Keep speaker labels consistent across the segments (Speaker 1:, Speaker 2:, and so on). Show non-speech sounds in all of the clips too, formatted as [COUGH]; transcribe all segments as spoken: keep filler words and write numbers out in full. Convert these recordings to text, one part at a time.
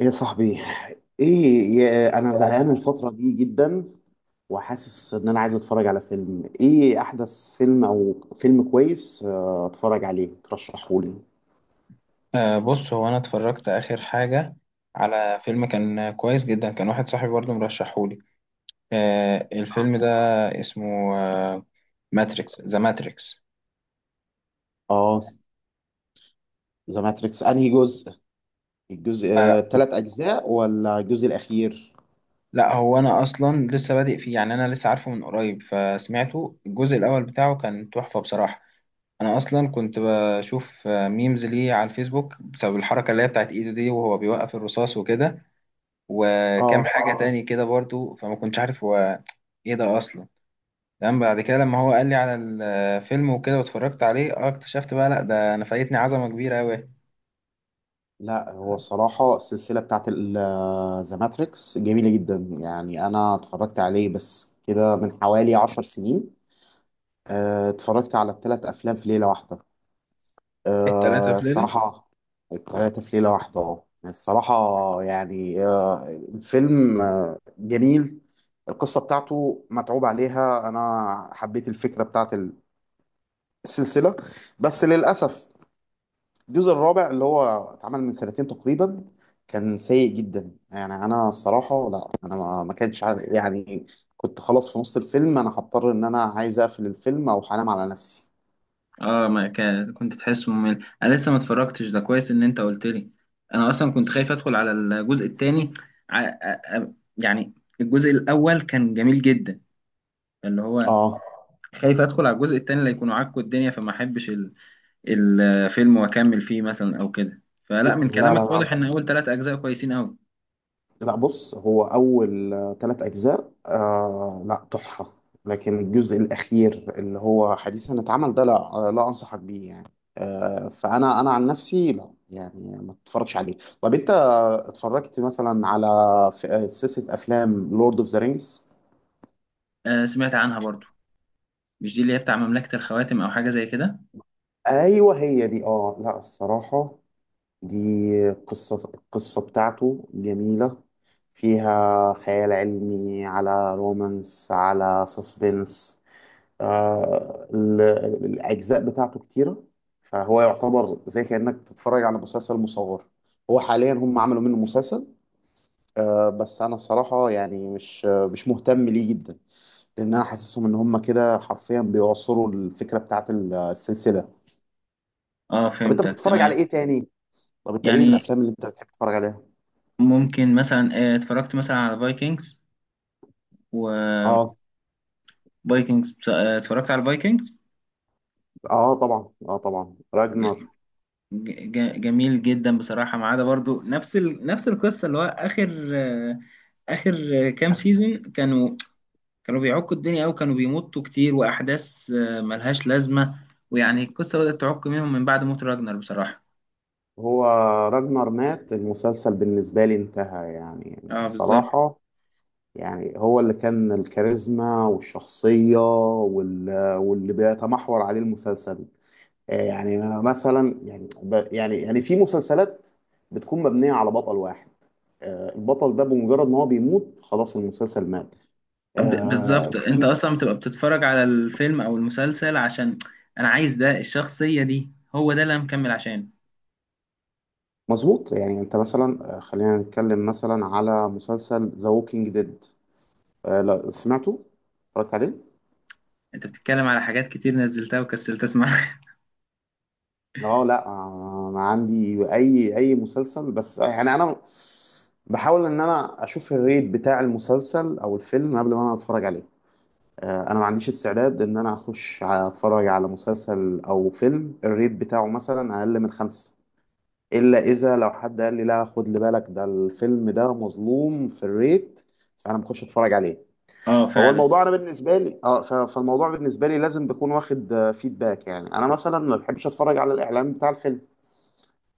Speaker 1: ايه يا صاحبي، ايه يا انا زهقان الفترة دي جدا، وحاسس ان انا عايز اتفرج على فيلم، ايه احدث فيلم او فيلم كويس، آه، اتفرج عليه ترشحه لي.
Speaker 2: أه بص هو انا اتفرجت اخر حاجه على فيلم كان كويس جدا. كان واحد صاحبي برضه مرشحهولي. أه الفيلم ده اسمه أه ماتريكس، ماتريكس.
Speaker 1: اه، ذا ماتريكس. انهي جزء؟ الجزء
Speaker 2: أه
Speaker 1: ثلاث اجزاء ولا الجزء الاخير؟
Speaker 2: لا، هو انا اصلا لسه بادئ فيه، يعني انا لسه عارفه من قريب، فسمعته الجزء الاول بتاعه كان تحفه بصراحه. انا اصلا كنت بشوف آه، ميمز ليه على الفيسبوك بسبب الحركه اللي هي بتاعت ايده دي، وهو بيوقف الرصاص وكده، وكام
Speaker 1: اه
Speaker 2: حاجه تاني كده برضه، فما كنتش عارف هو ايه ده اصلا. تمام، بعد كده لما هو قال لي على الفيلم وكده واتفرجت عليه، اه اكتشفت بقى لا، ده انا فايتني عظمه كبيره قوي.
Speaker 1: لا، هو الصراحة السلسلة بتاعت ذا ماتريكس جميلة جدا، يعني انا اتفرجت عليه بس كده من حوالي عشر سنين، آه، اتفرجت على الثلاث افلام في ليلة واحدة.
Speaker 2: التلاته
Speaker 1: أه
Speaker 2: في ليله؟
Speaker 1: الصراحة، التلاتة في ليلة واحدة اه الصراحة. يعني أه، الفيلم أه جميل، القصة بتاعته متعوب عليها، أنا حبيت الفكرة بتاعت السلسلة. بس للأسف الجزء الرابع اللي هو اتعمل من سنتين تقريبا كان سيء جدا، يعني أنا الصراحة لا، أنا ما ما كانش عارف- يعني كنت خلاص في نص الفيلم، أنا هضطر إن أنا عايز أقفل الفيلم أو هنام على نفسي.
Speaker 2: اه، ما كان كنت تحسه ممل، انا لسه ما اتفرجتش، ده كويس ان انت قلت لي. انا اصلا كنت خايف ادخل على الجزء الثاني، يعني الجزء الاول كان جميل جدا، اللي هو
Speaker 1: اه،
Speaker 2: خايف ادخل على الجزء الثاني اللي يكونوا عكوا الدنيا، فما احبش ال- الفيلم واكمل فيه مثلا او كده. فلا،
Speaker 1: لا
Speaker 2: من
Speaker 1: لا
Speaker 2: كلامك
Speaker 1: لا
Speaker 2: واضح ان اول ثلاث اجزاء كويسين قوي.
Speaker 1: لا بص هو اول ثلاث اجزاء آه لا تحفه، لكن الجزء الاخير اللي هو حديثا اتعمل ده لا، آه، لا انصحك بيه يعني. آه فانا انا عن نفسي لا، يعني ما تتفرجش عليه. طب انت اتفرجت مثلا على ف- آه، سلسله افلام لورد اوف ذا رينجز؟
Speaker 2: آه، سمعت عنها برضو. مش دي اللي هي بتاع مملكة الخواتم أو حاجة زي كده؟
Speaker 1: ايوه هي دي، اه لا الصراحه، دي قصة القصة بتاعته جميلة، فيها خيال علمي على رومانس على سسبنس. آه ال- ال- الأجزاء بتاعته كتيرة، فهو يعتبر زي كأنك تتفرج على مسلسل مصور. هو حاليا هم عملوا منه مسلسل، آه بس أنا الصراحة يعني مش آه، مش مهتم ليه جدا، لأن أنا حاسسهم إن هم كده حرفيا بيعصروا الفكرة بتاعت السلسلة.
Speaker 2: اه
Speaker 1: طب أنت
Speaker 2: فهمتك،
Speaker 1: بتتفرج على
Speaker 2: تمام.
Speaker 1: إيه تاني؟ طب أنت إيه
Speaker 2: يعني
Speaker 1: الأفلام اللي أنت بتحب تتفرج عليها؟
Speaker 2: ممكن مثلا آه، اتفرجت مثلا على فايكنجز. و
Speaker 1: اه،
Speaker 2: فايكنجز اتفرجت على فايكنجز،
Speaker 1: اه طبعا، اه طبعا راجنر.
Speaker 2: جميل جدا بصراحة، ما عدا برضو نفس ال... نفس القصة، اللي هو آخر آه، آخر آه، كام سيزون كانوا كانوا بيعكوا الدنيا أوي، كانوا بيمطوا كتير وأحداث آه، ملهاش لازمة. ويعني القصة بدأت تعك منهم من بعد موت راجنر بصراحة.
Speaker 1: هو راجنر مات المسلسل بالنسبة لي انتهى يعني
Speaker 2: اه بالظبط.
Speaker 1: الصراحة، يعني هو اللي كان الكاريزما والشخصية وال- واللي بيتمحور عليه المسلسل. آه، يعني مثلا، يعني ب- يعني يعني في مسلسلات بتكون مبنية على بطل واحد، آه، البطل ده بمجرد ما هو بيموت خلاص المسلسل مات.
Speaker 2: ب-
Speaker 1: آه،
Speaker 2: بالظبط، انت
Speaker 1: في
Speaker 2: اصلا بتبقى بتتفرج على الفيلم او المسلسل عشان انا عايز ده، الشخصية دي هو ده اللي انا مكمل عشان.
Speaker 1: مظبوط، يعني انت مثلا، آه، خلينا نتكلم مثلا على مسلسل ذا ووكينج ديد. آه لا سمعته، اتفرجت عليه.
Speaker 2: انت بتتكلم على حاجات كتير نزلتها وكسلت اسمعها.
Speaker 1: اه لا، آه، انا عندي اي اي مسلسل، بس يعني انا بحاول ان انا اشوف الريت بتاع المسلسل او الفيلم قبل ما انا اتفرج عليه. آه، انا ما عنديش استعداد ان انا اخش اتفرج على مسلسل او فيلم الريت بتاعه مثلا اقل من خمسة، الا اذا لو حد قال لي لا خد لي بالك ده الفيلم ده مظلوم في الريت، فانا بخش اتفرج عليه.
Speaker 2: [LAUGHS] اه
Speaker 1: فهو
Speaker 2: فعلا.
Speaker 1: الموضوع انا بالنسبه لي اه ف- فالموضوع بالنسبه لي لازم بكون واخد فيدباك، يعني انا مثلا ما بحبش اتفرج على الاعلان بتاع الفيلم،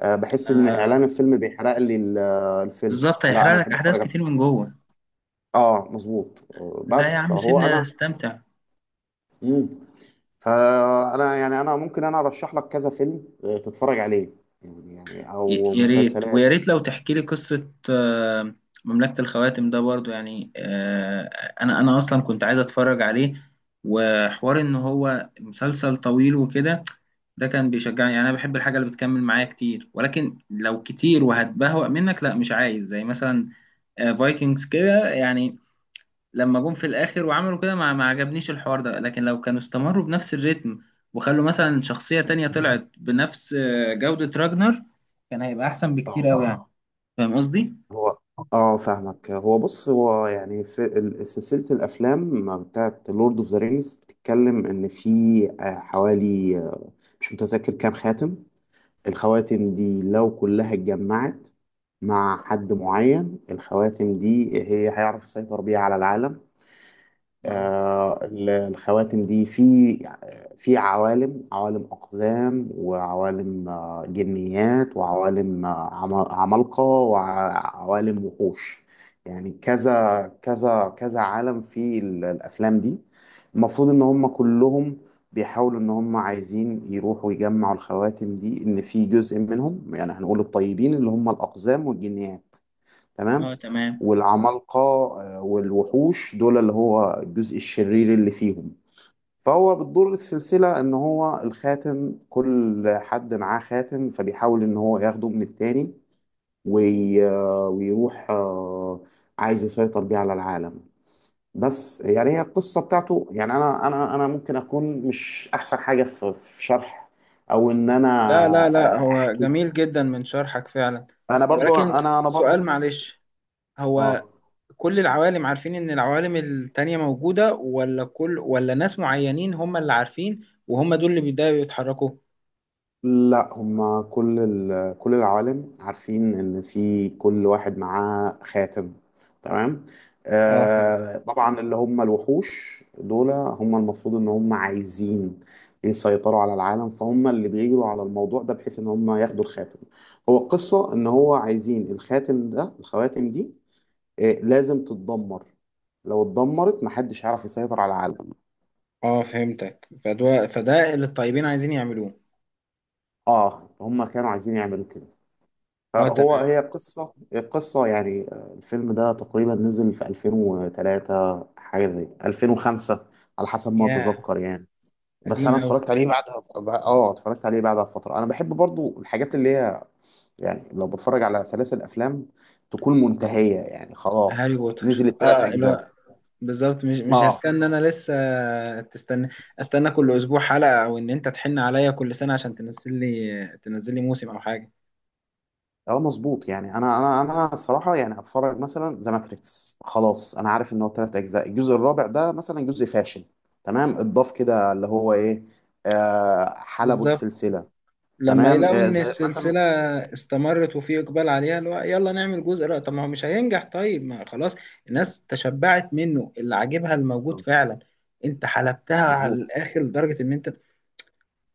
Speaker 1: آه بحس ان
Speaker 2: آه
Speaker 1: اعلان الفيلم بيحرق لي ال- آه، الفيلم،
Speaker 2: بالظبط،
Speaker 1: لا انا
Speaker 2: هيحرق لك
Speaker 1: بحب اتفرج
Speaker 2: احداث
Speaker 1: على
Speaker 2: كتير
Speaker 1: الفيلم.
Speaker 2: من جوه.
Speaker 1: اه مظبوط، آه،
Speaker 2: لا يا
Speaker 1: بس
Speaker 2: عم
Speaker 1: فهو
Speaker 2: سيبنا
Speaker 1: انا.
Speaker 2: استمتع.
Speaker 1: مم. فانا يعني انا ممكن انا ارشح لك كذا فيلم آه، تتفرج عليه، يعني يعني
Speaker 2: ي-
Speaker 1: او
Speaker 2: يا ريت، ويا
Speaker 1: مسلسلات.
Speaker 2: ريت لو تحكي لي قصة آه، مملكة الخواتم ده برضو، يعني آه، أنا أنا أصلا كنت عايز أتفرج عليه، وحوار إن هو مسلسل طويل وكده، ده كان بيشجعني. يعني أنا بحب الحاجة اللي بتكمل معايا كتير، ولكن لو كتير وهتبهوأ منك لا، مش عايز زي مثلا آه، فايكنجز كده يعني، لما جم في الاخر وعملوا كده ما ما عجبنيش الحوار ده. لكن لو كانوا استمروا بنفس الريتم، وخلوا مثلا شخصية تانية طلعت بنفس آه، جودة راجنر، كان هيبقى احسن بكتير
Speaker 1: آه.
Speaker 2: قوي، يعني اه. فاهم قصدي؟
Speaker 1: هو اه فاهمك، هو بص هو يعني في ال- سلسلة الأفلام بتاعت لورد اوف ذا رينجز بتتكلم إن في آه، حوالي آه، مش متذكر كام خاتم. الخواتم دي لو كلها اتجمعت مع حد معين الخواتم دي هي هيعرف يسيطر بيها على العالم.
Speaker 2: اه.
Speaker 1: آه، ال- الخواتم دي في في عوالم، عوالم أقزام وعوالم آه، جنيات وعوالم آه، عما- عمالقة وعوالم وحوش، يعني كذا كذا كذا عالم في ال- الأفلام دي. المفروض إن هم كلهم بيحاولوا إن هم عايزين يروحوا يجمعوا الخواتم دي، إن في جزء منهم يعني هنقول الطيبين اللي هم الأقزام والجنيات، تمام،
Speaker 2: اه تمام.
Speaker 1: والعمالقة، آه، والوحوش دول اللي هو الجزء الشرير اللي فيهم. فهو بتدور السلسلة إن هو الخاتم كل حد معاه خاتم فبيحاول إن هو ياخده من التاني وي... آه، ويروح، آه، عايز يسيطر بيه على العالم. بس يعني هي القصة بتاعته يعني أنا أنا أنا ممكن أكون مش أحسن حاجة في في شرح أو إن أنا
Speaker 2: لا لا لا،
Speaker 1: آه،
Speaker 2: هو
Speaker 1: أحكي.
Speaker 2: جميل جدا من شرحك فعلا.
Speaker 1: أنا برضو
Speaker 2: ولكن
Speaker 1: أنا أنا
Speaker 2: سؤال
Speaker 1: برضو.
Speaker 2: معلش، هو
Speaker 1: آه
Speaker 2: كل العوالم عارفين ان العوالم التانية موجودة، ولا كل ولا ناس معينين هم اللي عارفين وهم دول اللي بيبدأوا يتحركوا؟
Speaker 1: لا، هما كل ال... كل العوالم عارفين ان في كل واحد معاه خاتم، تمام.
Speaker 2: اه فهمت.
Speaker 1: آه طبعا، اللي هم الوحوش دول هم المفروض ان هم عايزين يسيطروا على العالم، فهم اللي بيجروا على الموضوع ده بحيث ان هم ياخدوا الخاتم. هو القصة ان هو عايزين الخاتم ده، الخواتم دي آه لازم تتدمر، لو اتدمرت محدش هيعرف يسيطر على العالم.
Speaker 2: اه فهمتك، فده فده اللي الطيبين عايزين يعملوه.
Speaker 1: اه هم كانوا عايزين يعملوا كده،
Speaker 2: اه
Speaker 1: هو
Speaker 2: تمام.
Speaker 1: هي قصة قصة يعني آه، الفيلم ده تقريبا نزل في ألفين وتلاتة، حاجة زي ألفين وخمسة على حسب ما
Speaker 2: يا
Speaker 1: أتذكر يعني. بس
Speaker 2: قديم
Speaker 1: أنا
Speaker 2: أوي!
Speaker 1: اتفرجت عليه بعدها ب- اه اتفرجت عليه بعدها فترة. أنا بحب برضو الحاجات اللي هي يعني لو بتفرج على سلاسل أفلام تكون منتهية، يعني
Speaker 2: هاري
Speaker 1: خلاص
Speaker 2: بوتر،
Speaker 1: نزل التلات
Speaker 2: اه لا
Speaker 1: أجزاء.
Speaker 2: بالظبط. مش مش
Speaker 1: اه،
Speaker 2: هستنى، انا لسه تستنى استنى كل اسبوع حلقة، او ان انت تحن عليا كل سنة عشان تنزل لي تنزل لي موسم او حاجة.
Speaker 1: اه مظبوط، يعني انا انا انا الصراحه يعني اتفرج مثلا ذا ماتريكس خلاص انا عارف ان هو ثلاث اجزاء، الجزء الرابع ده مثلا جزء فاشل، تمام اتضاف كده اللي هو ايه، آه حلبوا
Speaker 2: بالظبط،
Speaker 1: السلسله.
Speaker 2: لما
Speaker 1: تمام
Speaker 2: يلاقوا
Speaker 1: آه
Speaker 2: ان
Speaker 1: زي مثلا،
Speaker 2: السلسلة استمرت وفي اقبال عليها، اللي هو يلا نعمل جزء. لا، طب ما هو مش هينجح، طيب ما خلاص الناس تشبعت منه، اللي عاجبها الموجود فعلا. انت حلبتها على
Speaker 1: مظبوط.
Speaker 2: الاخر لدرجة ان انت،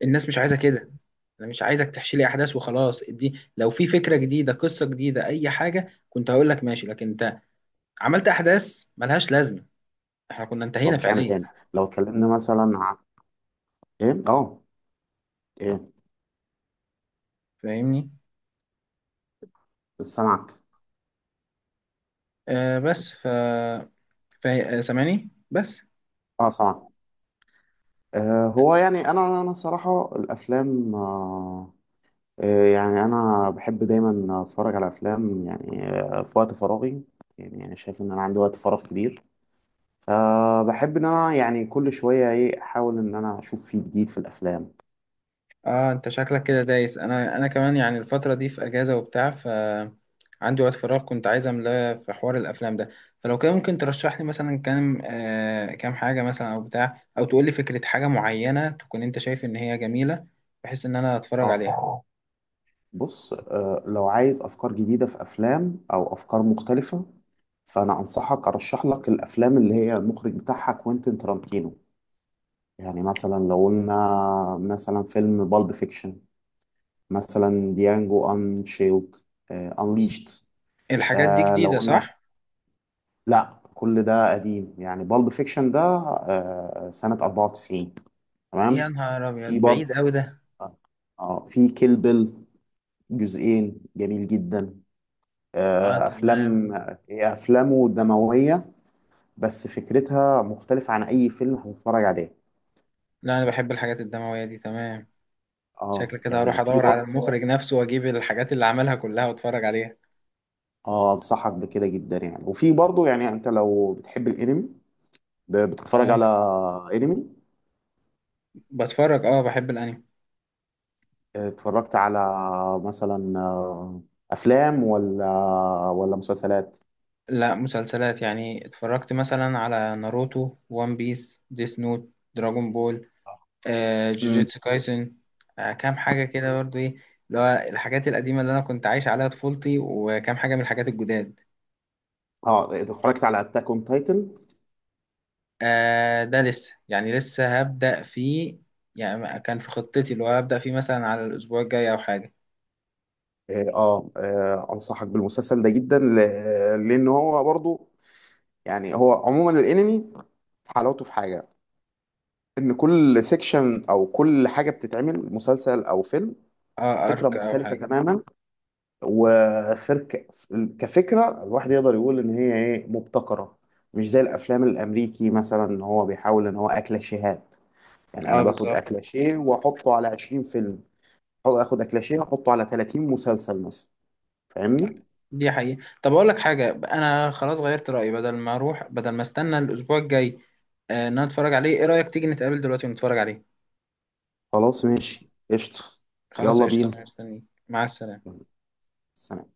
Speaker 2: الناس مش عايزه كده. انا مش عايزك تحشي لي احداث وخلاص. دي لو في فكره جديده، قصه جديده، اي حاجه كنت هقول لك ماشي، لكن انت عملت احداث ملهاش لازمه، احنا كنا
Speaker 1: هو
Speaker 2: انتهينا
Speaker 1: مش عامل
Speaker 2: فعليا.
Speaker 1: تاني، لو اتكلمنا مثلا عن ايه اه ايه
Speaker 2: فاهمني؟
Speaker 1: سامعك.
Speaker 2: آه بس ف فا- سامعني بس.
Speaker 1: اه سامعك. آه هو يعني انا انا الصراحه الافلام آه آه، يعني انا بحب دايما اتفرج على افلام، يعني آه، في وقت فراغي، يعني يعني شايف ان انا عندي وقت فراغ كبير، فبحب ان انا يعني كل شويه ايه احاول ان انا اشوف فيه جديد في الافلام.
Speaker 2: اه، انت شكلك كده دايس، انا انا كمان يعني الفتره دي في اجازه وبتاع، ف عندي وقت فراغ كنت عايز املاه في حوار الافلام ده. فلو كده ممكن ترشح لي مثلا كام، آه كام حاجه مثلا او بتاع، او تقول لي فكره حاجه معينه تكون انت شايف ان هي جميله، بحيث ان انا اتفرج
Speaker 1: اه
Speaker 2: عليها.
Speaker 1: بص، آه، لو عايز افكار جديده في افلام او افكار مختلفه فانا انصحك ارشح لك الافلام اللي هي المخرج بتاعها كوينتين ترانتينو. يعني مثلا لو قلنا مثلا فيلم بالب فيكشن، مثلا ديانجو انشيلد، انليشت.
Speaker 2: الحاجات دي
Speaker 1: آه لو
Speaker 2: جديده،
Speaker 1: قلنا،
Speaker 2: صح؟
Speaker 1: لا كل ده قديم، يعني بالب فيكشن ده آه، سنة أربعة وتسعين،
Speaker 2: يا
Speaker 1: تمام.
Speaker 2: نهار ابيض،
Speaker 1: في
Speaker 2: بعيد
Speaker 1: برضه
Speaker 2: قوي ده!
Speaker 1: اه في كيل بيل، جزئين جميل جدا.
Speaker 2: اه
Speaker 1: آه،
Speaker 2: تمام.
Speaker 1: افلام، هي افلامه دموية بس فكرتها مختلفة عن اي فيلم هتتفرج عليه.
Speaker 2: لا انا بحب الحاجات الدمويه دي، تمام.
Speaker 1: اه،
Speaker 2: شكلك كده
Speaker 1: يعني
Speaker 2: هروح
Speaker 1: وفي
Speaker 2: ادور على
Speaker 1: برضه،
Speaker 2: المخرج نفسه واجيب الحاجات اللي عملها كلها واتفرج عليها.
Speaker 1: اه انصحك بكده جدا. يعني وفي برضه يعني انت لو بتحب الانمي، ب- بتتفرج
Speaker 2: اه
Speaker 1: على انمي؟
Speaker 2: بتفرج، اه بحب الانمي.
Speaker 1: اتفرجت على مثلا آه، افلام ولا ولا مسلسلات؟
Speaker 2: لا مسلسلات، يعني اتفرجت مثلا على ناروتو، وان بيس، ديس نوت، دراجون بول، آه،
Speaker 1: امم،
Speaker 2: جوجيتسو كايسن، آه، كام حاجة كده برضو ايه، اللي هو الحاجات القديمة اللي أنا كنت عايش عليها طفولتي، وكام حاجة من الحاجات الجداد.
Speaker 1: اه اتفرجت على اتاك اون تايتن.
Speaker 2: آه، ده لسه، يعني لسه هبدأ فيه، يعني ما- كان في خطتي اللي هو هبدأ فيه مثلا على الأسبوع الجاي أو حاجة.
Speaker 1: اه، آه، آه، انصحك بالمسلسل ده جدا، ل- لان هو برضو يعني هو عموما الانمي حلاوته في حاجه، ان كل سيكشن او كل حاجه بتتعمل مسلسل او فيلم
Speaker 2: اه،
Speaker 1: فكره
Speaker 2: أرك أو
Speaker 1: مختلفه
Speaker 2: حاجة.
Speaker 1: تماما وفرك. كفكرة الواحد يقدر يقول إن هي إيه مبتكرة، مش زي الأفلام الأمريكي مثلا إن هو بيحاول إن هو أكلاشيهات، يعني أنا
Speaker 2: اه
Speaker 1: باخد
Speaker 2: بالظبط.
Speaker 1: أكلاشيه وأحطه على عشرين فيلم، أو آخد أكلاشيه وأحطه على تلاتين مسلسل مثلا. فاهمني؟
Speaker 2: دي حقيقة. طب أقول لك حاجة، أنا خلاص غيرت رأيي، بدل ما أروح بدل ما أستنى الأسبوع الجاي آه، إن أنا أتفرج عليه، إيه رأيك تيجي نتقابل دلوقتي ونتفرج عليه؟
Speaker 1: خلاص ماشي قشطة.
Speaker 2: خلاص
Speaker 1: يلا
Speaker 2: قشطة،
Speaker 1: بينا،
Speaker 2: أنا مستنيك، مع السلامة.
Speaker 1: يلا، سلام.